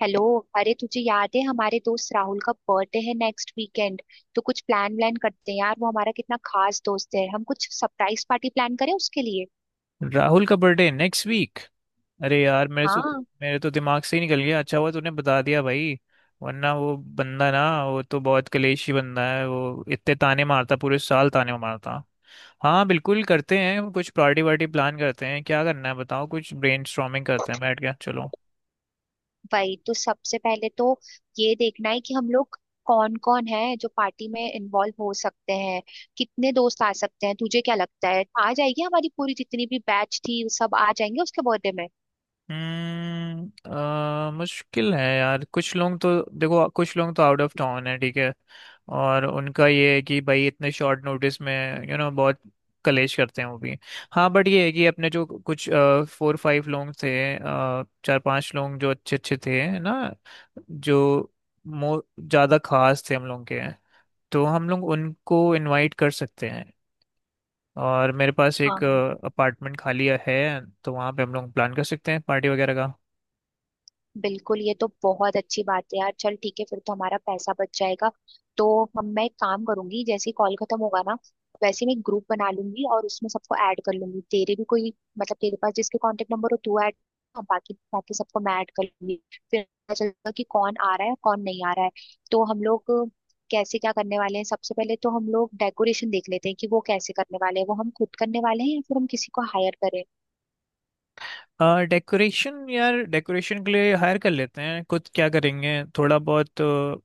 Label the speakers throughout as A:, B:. A: Hello. अरे, तुझे याद है हमारे दोस्त राहुल का बर्थडे है नेक्स्ट वीकेंड। तो कुछ प्लान व्लान करते हैं यार, वो हमारा कितना खास दोस्त है। हम कुछ सरप्राइज पार्टी प्लान करें उसके लिए।
B: राहुल का बर्थडे नेक्स्ट वीक। अरे यार
A: हाँ।
B: मेरे तो दिमाग से ही निकल गया। अच्छा हुआ तूने बता दिया भाई। वरना वो बंदा ना, वो तो बहुत कलेशी बंदा है। वो इतने ताने मारता, पूरे साल ताने मारता। हाँ, बिल्कुल करते हैं, कुछ पार्टी वार्टी प्लान करते हैं। क्या करना है बताओ, कुछ ब्रेनस्टॉर्मिंग करते हैं बैठ के, चलो।
A: वही तो। सबसे पहले तो ये देखना है कि हम लोग कौन कौन है जो पार्टी में इन्वॉल्व हो सकते हैं, कितने दोस्त आ सकते हैं। तुझे क्या लगता है, आ जाएगी हमारी पूरी जितनी भी बैच थी, वो सब आ जाएंगे उसके बर्थडे में?
B: मुश्किल है यार, कुछ लोग तो। देखो, कुछ लोग तो आउट ऑफ टाउन है, ठीक है। और उनका ये है कि भाई इतने शॉर्ट नोटिस में यू you नो know, बहुत कलेश करते हैं वो भी। हाँ, बट ये है कि अपने जो कुछ फोर फाइव लोग थे अ, चार पांच लोग जो अच्छे अच्छे थे, है ना। जो मो ज़्यादा खास थे हम लोग के, तो हम लोग उनको इनवाइट कर सकते हैं। और मेरे पास एक
A: हाँ,
B: अपार्टमेंट खाली है, तो वहाँ पे हम लोग प्लान कर सकते हैं पार्टी वगैरह का।
A: बिल्कुल, ये तो बहुत अच्छी बात है यार। चल ठीक है, फिर तो हमारा पैसा बच जाएगा। तो हम मैं एक काम करूंगी, जैसे ही कॉल खत्म होगा ना, वैसे मैं ग्रुप बना लूंगी और उसमें सबको ऐड कर लूंगी। तेरे भी कोई, मतलब तेरे पास जिसके कांटेक्ट नंबर हो, तू ऐड, बाकी बाकी सबको मैं ऐड कर लूंगी। फिर पता चलेगा कि कौन आ रहा है, कौन नहीं आ रहा है। तो हम लोग कैसे क्या करने वाले हैं, सबसे पहले तो हम लोग डेकोरेशन देख लेते हैं कि वो कैसे करने वाले हैं, वो हम खुद करने वाले हैं या फिर हम किसी को हायर करें।
B: डेकोरेशन यार, डेकोरेशन के लिए हायर कर लेते हैं, कुछ क्या करेंगे थोड़ा बहुत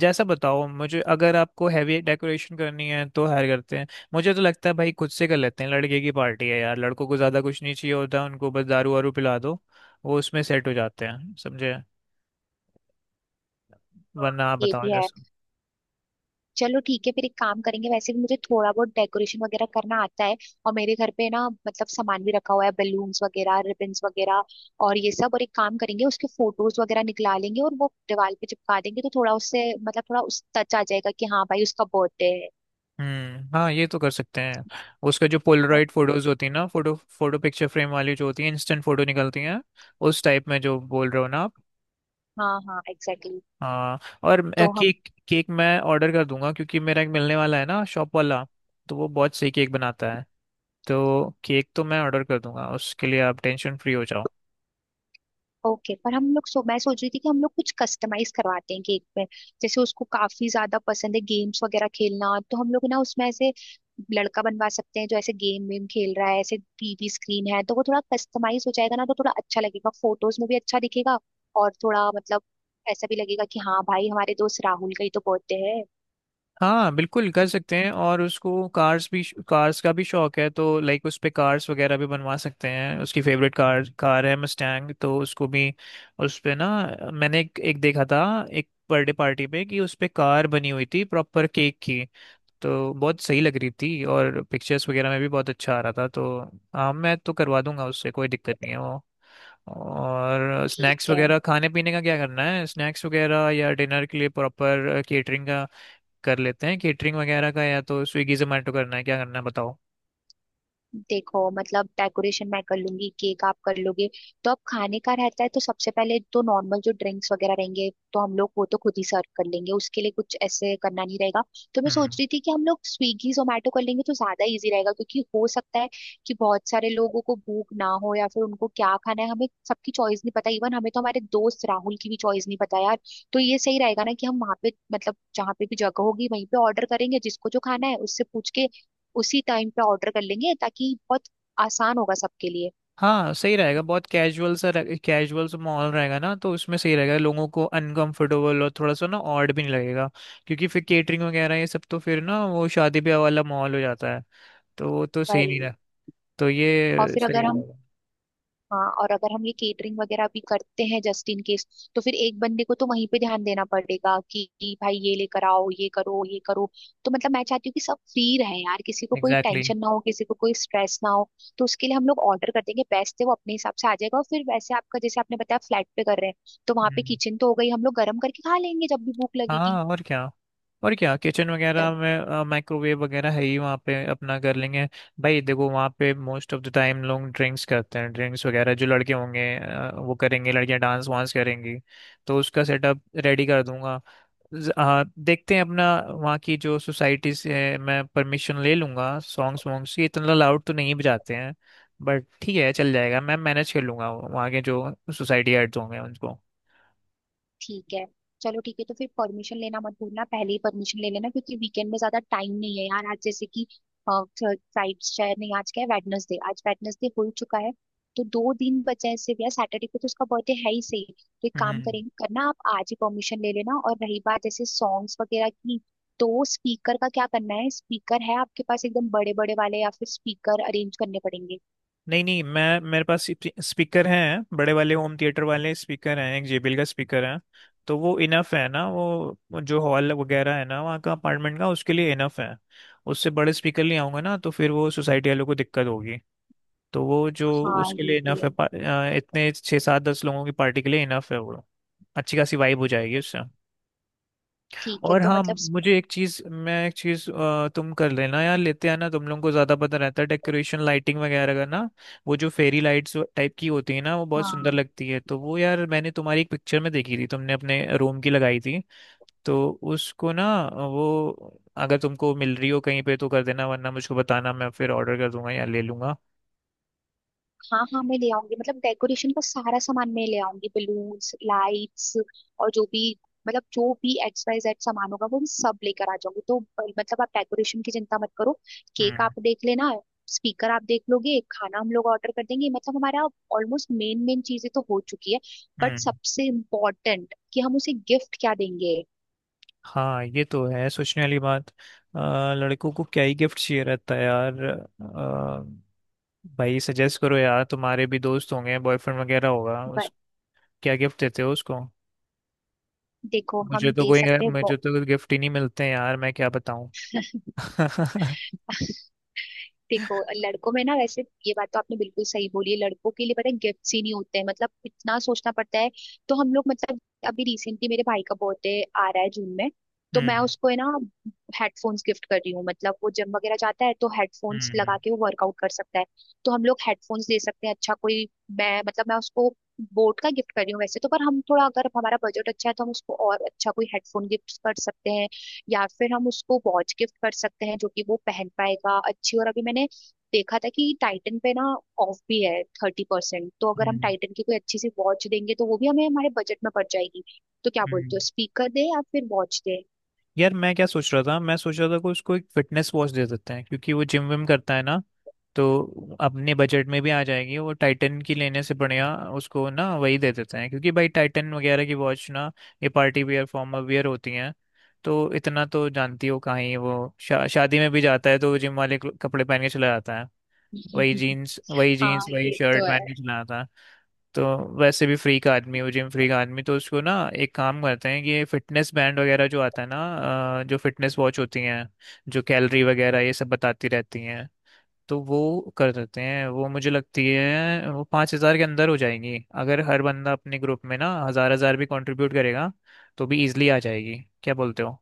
B: जैसा बताओ मुझे। अगर आपको हैवी डेकोरेशन करनी है तो हायर करते हैं। मुझे तो लगता है भाई खुद से कर लेते हैं, लड़के की पार्टी है यार, लड़कों को ज़्यादा कुछ नहीं चाहिए होता, उनको बस दारू वारू पिला दो। वो उसमें सेट हो जाते हैं, समझे।
A: हाँ,
B: वरना आप
A: ये
B: बताओ
A: भी है।
B: जैसा।
A: चलो ठीक है, फिर एक काम करेंगे। वैसे भी मुझे थोड़ा बहुत डेकोरेशन वगैरह करना आता है। और मेरे घर पे ना, मतलब सामान भी रखा हुआ है, बलून्स वगैरह, रिबन्स वगैरह और ये सब। और एक काम करेंगे, उसके फोटोज वगैरह निकला लेंगे और वो दीवार पे चिपका देंगे, तो थोड़ा उससे मतलब थोड़ा उस टच आ जाएगा कि हाँ भाई उसका बर्थडे
B: हम्म, हाँ ये तो कर सकते हैं। उसका जो
A: है।
B: पोलराइड फोटोज होती है ना, फोटो फोटो पिक्चर फ्रेम वाली जो होती है, इंस्टेंट फोटो निकलती हैं। उस टाइप में जो बोल रहे हो ना आप।
A: हाँ हाँ, एग्जैक्टली।
B: हाँ। और
A: तो हम।
B: केक केक मैं ऑर्डर कर दूंगा क्योंकि मेरा एक मिलने वाला है ना शॉप वाला। तो वो बहुत सही केक बनाता है। तो केक तो मैं ऑर्डर कर दूंगा, उसके लिए आप टेंशन फ्री हो जाओ।
A: ओके, पर हम लोग, सो मैं सोच रही थी कि हम लोग कुछ कस्टमाइज करवाते हैं केक में। जैसे उसको काफी ज्यादा पसंद है गेम्स वगैरह खेलना, तो हम लोग ना उसमें ऐसे लड़का बनवा सकते हैं जो ऐसे गेम वेम खेल रहा है, ऐसे टीवी स्क्रीन है, तो वो थोड़ा कस्टमाइज हो जाएगा ना, तो थोड़ा अच्छा लगेगा, फोटोज में भी अच्छा दिखेगा। और थोड़ा मतलब ऐसा भी लगेगा कि हाँ भाई हमारे दोस्त राहुल का ही तो बर्थडे है।
B: हाँ बिल्कुल कर सकते हैं, और उसको कार्स भी, कार्स का भी शौक है। तो लाइक उस पे कार्स वगैरह भी बनवा सकते हैं, उसकी फेवरेट कार कार है मस्टैंग, तो उसको भी उस पे ना। मैंने एक देखा था, एक बर्थडे पार्टी पे कि उस पे कार बनी हुई थी प्रॉपर केक की। तो बहुत सही लग रही थी और पिक्चर्स वगैरह में भी बहुत अच्छा आ रहा था तो। हाँ मैं तो करवा दूंगा उससे, कोई दिक्कत नहीं है वो। और स्नैक्स
A: ठीक है।
B: वगैरह खाने पीने का क्या करना है, स्नैक्स वगैरह या डिनर के लिए प्रॉपर केटरिंग का कर लेते हैं, केटरिंग वगैरह का या तो स्विगी जोमेटो करना है, क्या करना है बताओ।
A: देखो मतलब डेकोरेशन मैं कर लूंगी, केक आप कर लोगे, तो अब खाने का रहता है। तो सबसे पहले तो नॉर्मल जो ड्रिंक्स वगैरह रहेंगे, तो हम लोग वो तो खुद ही सर्व कर लेंगे, उसके लिए कुछ ऐसे करना नहीं रहेगा। तो मैं सोच
B: हम्म।
A: रही थी कि हम लोग स्विगी जोमेटो कर लेंगे तो ज्यादा इजी रहेगा, क्योंकि हो सकता है कि बहुत सारे लोगों को भूख ना हो या फिर उनको क्या खाना है हमें सबकी चॉइस नहीं पता। इवन हमें तो हमारे दोस्त राहुल की भी चॉइस नहीं पता यार। तो ये सही रहेगा ना कि हम वहाँ पे मतलब जहाँ पे भी जगह होगी वहीं पे ऑर्डर करेंगे, जिसको जो खाना है उससे पूछ के उसी टाइम पे ऑर्डर कर लेंगे, ताकि बहुत आसान होगा सबके लिए।
B: हाँ सही रहेगा, बहुत कैजुअल सा, कैजुअल सा माहौल रहेगा ना, तो उसमें सही रहेगा। लोगों को अनकंफर्टेबल और थोड़ा सा ना ऑड भी नहीं लगेगा। क्योंकि फिर केटरिंग वगैरह ये सब तो फिर ना वो शादी ब्याह वाला माहौल हो जाता है। तो वो तो सही नहीं
A: भाई,
B: रहा। तो
A: और
B: ये
A: फिर
B: सही
A: अगर हम,
B: रहेगा।
A: हाँ, और अगर हम ये केटरिंग वगैरह भी करते हैं जस्ट इन केस, तो फिर एक बंदे को तो वहीं पे ध्यान देना पड़ेगा कि भाई ये लेकर आओ, ये करो, ये करो। तो मतलब मैं चाहती हूँ कि सब फ्री रहे यार, किसी को कोई
B: एग्जैक्टली।
A: टेंशन ना हो, किसी को कोई स्ट्रेस ना हो। तो उसके लिए हम लोग ऑर्डर कर देंगे, बेस्ट है, वो अपने हिसाब से आ जाएगा। और फिर वैसे आपका जैसे आपने बताया फ्लैट पे कर रहे हैं तो वहां पे
B: हम्म।
A: किचन तो हो गई, हम लोग गर्म करके खा लेंगे जब भी भूख लगेगी।
B: हाँ और क्या, और क्या किचन वगैरह में माइक्रोवेव वगैरह है ही वहाँ पे, अपना कर लेंगे। भाई देखो, वहाँ पे मोस्ट ऑफ द टाइम लोग ड्रिंक्स करते हैं, ड्रिंक्स वगैरह जो लड़के होंगे वो करेंगे, लड़कियाँ डांस वांस करेंगी। तो उसका सेटअप रेडी कर दूंगा। हाँ देखते हैं, अपना वहाँ की जो सोसाइटी से मैं परमिशन ले लूंगा। सॉन्ग्स वॉन्ग्स की इतना लाउड तो नहीं बजाते हैं, बट ठीक है चल जाएगा, मैं मैनेज कर लूंगा वहाँ के जो सोसाइटी हेड्स होंगे उनको।
A: ठीक है। चलो ठीक है, तो फिर परमिशन लेना मत भूलना, पहले ही परमिशन ले लेना, क्योंकि वीकेंड में ज्यादा टाइम नहीं है यार। आज जैसे कि फ्राइड शायद नहीं, आज क्या है, वेडनेसडे, आज वेडनेसडे हो चुका है। तो दो दिन बचे हैं सिर्फ यार, सैटरडे को तो उसका बर्थडे है ही सही। तो एक काम
B: हम्म।
A: करेंगे, करना आप आज ही परमिशन ले लेना। और रही बात जैसे सॉन्ग्स वगैरह की, तो स्पीकर का क्या करना है, स्पीकर है आपके पास एकदम बड़े बड़े वाले या फिर स्पीकर अरेंज करने पड़ेंगे?
B: नहीं नहीं, मैं मेरे पास स्पीकर हैं बड़े वाले, होम थिएटर वाले स्पीकर हैं, एक जेबीएल का स्पीकर है। तो वो इनफ है ना, वो जो हॉल वगैरह है ना वहाँ का अपार्टमेंट का, उसके लिए इनफ है। उससे बड़े स्पीकर ले आऊंगा ना तो फिर वो सोसाइटी वालों को दिक्कत होगी। तो वो जो
A: हाँ,
B: उसके
A: ये
B: लिए
A: भी
B: इनफ
A: है।
B: है, इतने छः सात दस लोगों की पार्टी के लिए इनफ है वो। अच्छी खासी वाइब हो जाएगी उससे।
A: ठीक है
B: और
A: तो
B: हाँ,
A: मतलब।
B: मुझे एक चीज मैं एक चीज तुम कर लेना यार, लेते आना। तुम लोगों को ज्यादा पता रहता है डेकोरेशन लाइटिंग वगैरह का ना। वो जो फेरी लाइट्स टाइप की होती है ना, वो बहुत सुंदर
A: हाँ
B: लगती है। तो वो यार मैंने तुम्हारी एक पिक्चर में देखी थी, तुमने अपने रूम की लगाई थी। तो उसको ना, वो अगर तुमको मिल रही हो कहीं पे तो कर देना, वरना मुझको बताना मैं फिर ऑर्डर कर दूंगा या ले लूंगा।
A: हाँ हाँ, मैं ले आऊंगी, मतलब डेकोरेशन का सारा सामान मैं ले आऊंगी, बलून्स, लाइट्स और जो भी, मतलब जो भी एक्स वाई जेड सामान होगा वो मैं सब लेकर आ जाऊंगी। तो मतलब आप डेकोरेशन की चिंता मत करो। केक
B: हम्म।
A: आप देख लेना, स्पीकर आप देख लोगे, खाना हम लोग ऑर्डर कर देंगे। मतलब हमारा ऑलमोस्ट मेन मेन चीजें तो हो चुकी है। बट
B: हम्म,
A: सबसे इम्पोर्टेंट कि हम उसे गिफ्ट क्या देंगे।
B: हाँ ये तो है, सोचने वाली बात। लड़कों को क्या ही गिफ्ट चाहिए रहता है यार। भाई सजेस्ट करो यार, तुम्हारे भी दोस्त होंगे, बॉयफ्रेंड वगैरह होगा
A: ब-
B: उस, क्या गिफ्ट देते हो उसको।
A: देखो
B: मुझे
A: हम
B: तो
A: दे
B: कोई
A: सकते हैं।
B: मुझे तो गिफ्ट ही नहीं मिलते हैं यार, मैं क्या बताऊं।
A: देखो, लड़कों में ना वैसे, ये बात तो आपने बिल्कुल सही बोली है, लड़कों के लिए पता है गिफ्ट्स ही नहीं होते हैं, मतलब इतना सोचना पड़ता है। तो हम लोग, मतलब अभी रिसेंटली मेरे भाई का बर्थडे आ रहा है जून में। तो मैं
B: हम्म।
A: उसको, है ना, हेडफोन्स गिफ्ट कर रही हूँ। मतलब वो जिम वगैरह जाता है, तो हेडफोन्स
B: हम्म।
A: लगा के वो वर्कआउट कर सकता है। तो हम लोग हेडफोन्स दे सकते हैं अच्छा कोई। मैं मतलब मैं उसको बोट का गिफ्ट कर रही हूँ वैसे तो, पर हम थोड़ा अगर हमारा बजट अच्छा है तो हम उसको और अच्छा कोई हेडफोन गिफ्ट कर सकते हैं। या फिर हम उसको वॉच गिफ्ट कर सकते हैं जो कि वो पहन पाएगा अच्छी। और अभी मैंने देखा था कि टाइटन पे ना ऑफ भी है 30%, तो अगर हम
B: हम्म।
A: टाइटन की कोई अच्छी सी वॉच देंगे तो वो भी हमें हमारे बजट में पड़ जाएगी। तो क्या
B: हम्म।
A: बोलते हो, स्पीकर दे या फिर वॉच दे?
B: यार मैं क्या सोच रहा था, मैं सोच रहा था कि उसको एक फिटनेस वॉच दे देते हैं क्योंकि वो जिम विम करता है ना। तो अपने बजट में भी आ जाएगी, वो टाइटन की लेने से बढ़िया उसको ना वही दे देते हैं, क्योंकि भाई टाइटन वगैरह की वॉच ना ये पार्टी वियर फॉर्मल वियर होती हैं। तो इतना तो जानती हो, कहीं वो शादी में भी जाता है तो जिम वाले कपड़े पहन के चला जाता है। वही जीन्स वही
A: हाँ
B: जीन्स वही
A: ये
B: शर्ट
A: तो
B: पहन
A: है।
B: के चला जाता है। तो वैसे भी फ्री का आदमी हो, जिम फ्री का आदमी, तो उसको ना एक काम करते हैं कि ये फिटनेस बैंड वगैरह जो आता है ना, जो फिटनेस वॉच होती हैं जो कैलोरी वगैरह ये सब बताती रहती हैं। तो वो कर देते हैं, वो मुझे लगती है वो 5,000 के अंदर हो जाएंगी। अगर हर बंदा अपने ग्रुप में ना हज़ार हज़ार भी कंट्रीब्यूट करेगा तो भी इजिली आ जाएगी। क्या बोलते हो?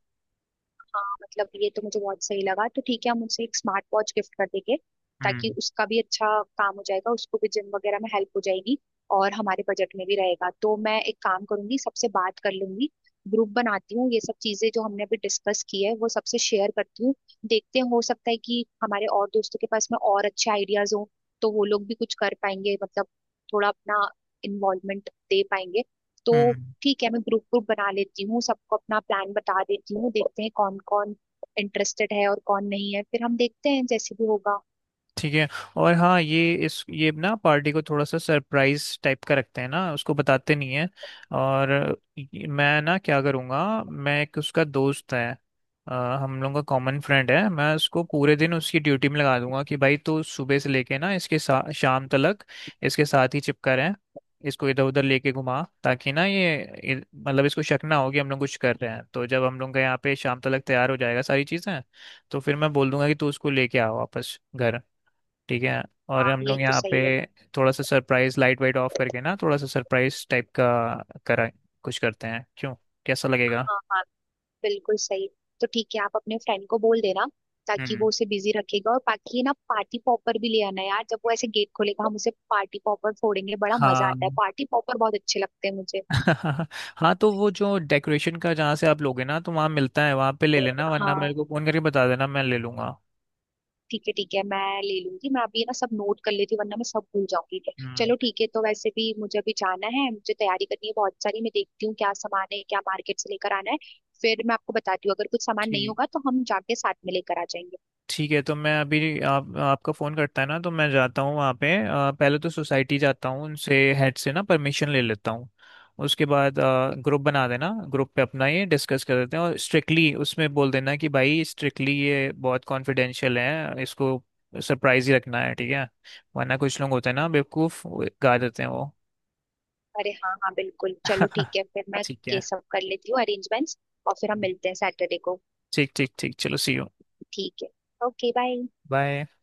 A: हाँ मतलब ये तो मुझे बहुत सही लगा। तो ठीक है, हम उसे एक स्मार्ट वॉच गिफ्ट कर देंगे, ताकि
B: हम्म।
A: उसका भी अच्छा काम हो जाएगा, उसको भी जिम वगैरह में हेल्प हो जाएगी, और हमारे बजट में भी रहेगा। तो मैं एक काम करूंगी, सबसे बात कर लूंगी, ग्रुप बनाती हूँ, ये सब चीजें जो हमने अभी डिस्कस की है वो सबसे शेयर करती हूँ। देखते हैं, हो सकता है कि हमारे और दोस्तों के पास में और अच्छे आइडियाज हों, तो वो लोग भी कुछ कर पाएंगे, मतलब थोड़ा अपना इन्वॉल्वमेंट दे पाएंगे। तो
B: हम्म।
A: ठीक है, मैं ग्रुप ग्रुप बना लेती हूँ, सबको अपना प्लान बता देती हूँ, देखते हैं कौन कौन इंटरेस्टेड है और कौन नहीं है, फिर हम देखते हैं जैसे भी होगा।
B: ठीक है। और हाँ, ये ना पार्टी को थोड़ा सा सरप्राइज टाइप का रखते हैं ना, उसको बताते नहीं है। और मैं ना क्या करूँगा, मैं एक उसका दोस्त है अ, हम लोगों का कॉमन फ्रेंड है। मैं उसको पूरे दिन उसकी ड्यूटी में लगा दूंगा कि भाई तू सुबह से लेके ना, इसके शाम तक इसके साथ ही चिपका रहे। इसको इधर उधर लेके घुमा ताकि ना इ- मतलब इसको शक ना हो कि हम लोग कुछ कर रहे हैं। तो जब हम लोग का यहाँ पे शाम तक तैयार हो जाएगा सारी चीज़ें, तो फिर मैं बोल दूंगा कि तू उसको लेके आओ वापस घर। ठीक है। और
A: हाँ,
B: हम
A: ये
B: लोग
A: तो
B: यहाँ पे
A: सही है।
B: थोड़ा सा सरप्राइज लाइट वाइट ऑफ करके ना, थोड़ा सा सरप्राइज टाइप का करा कुछ करते हैं क्यों, कैसा लगेगा?
A: हाँ हाँ, बिल्कुल सही। तो ठीक है, आप अपने फ्रेंड को बोल देना ताकि वो
B: हम्म,
A: उसे बिजी रखेगा। और बाकी ना पार्टी पॉपर भी ले आना यार, जब वो ऐसे गेट खोलेगा हम उसे पार्टी पॉपर फोड़ेंगे, बड़ा मजा आता है,
B: हाँ।
A: पार्टी पॉपर बहुत अच्छे लगते हैं मुझे।
B: हाँ तो वो जो डेकोरेशन का जहाँ से आप लोगे ना, तो वहाँ मिलता है, वहाँ पे ले लेना, वरना
A: हाँ।
B: मेरे को फोन करके बता देना, मैं ले लूंगा।
A: ठीक है ठीक है, मैं ले लूंगी। मैं अभी ना सब नोट कर लेती हूँ वरना मैं सब भूल जाऊंगी।
B: हम्म।
A: चलो ठीक है, तो वैसे भी मुझे अभी जाना है, मुझे तैयारी करनी है बहुत सारी, मैं देखती हूँ क्या सामान है, क्या मार्केट से लेकर आना है, फिर मैं आपको बताती हूँ। अगर कुछ सामान नहीं
B: ठीक,
A: होगा तो हम जाके साथ में लेकर आ जाएंगे।
B: ठीक है। तो मैं अभी आप आपका फ़ोन करता है ना तो मैं जाता हूँ वहाँ पे पहले तो सोसाइटी जाता हूँ उनसे हेड से ना परमिशन ले लेता हूँ। उसके बाद ग्रुप बना देना, ग्रुप पे अपना ये डिस्कस कर देते हैं, और स्ट्रिक्टली उसमें बोल देना कि भाई स्ट्रिक्टली ये बहुत कॉन्फिडेंशियल है, इसको सरप्राइज ही रखना है, ठीक है। वरना कुछ लोग होते हैं ना बेवकूफ़, वो गा देते हैं वो।
A: अरे हाँ हाँ, बिल्कुल, चलो ठीक है, फिर मैं
B: ठीक
A: ये
B: है।
A: सब कर लेती हूँ अरेंजमेंट्स, और फिर हम मिलते हैं सैटरडे को।
B: ठीक ठीक ठीक चलो, सी यू।
A: ठीक है। Okay, bye.
B: बाय।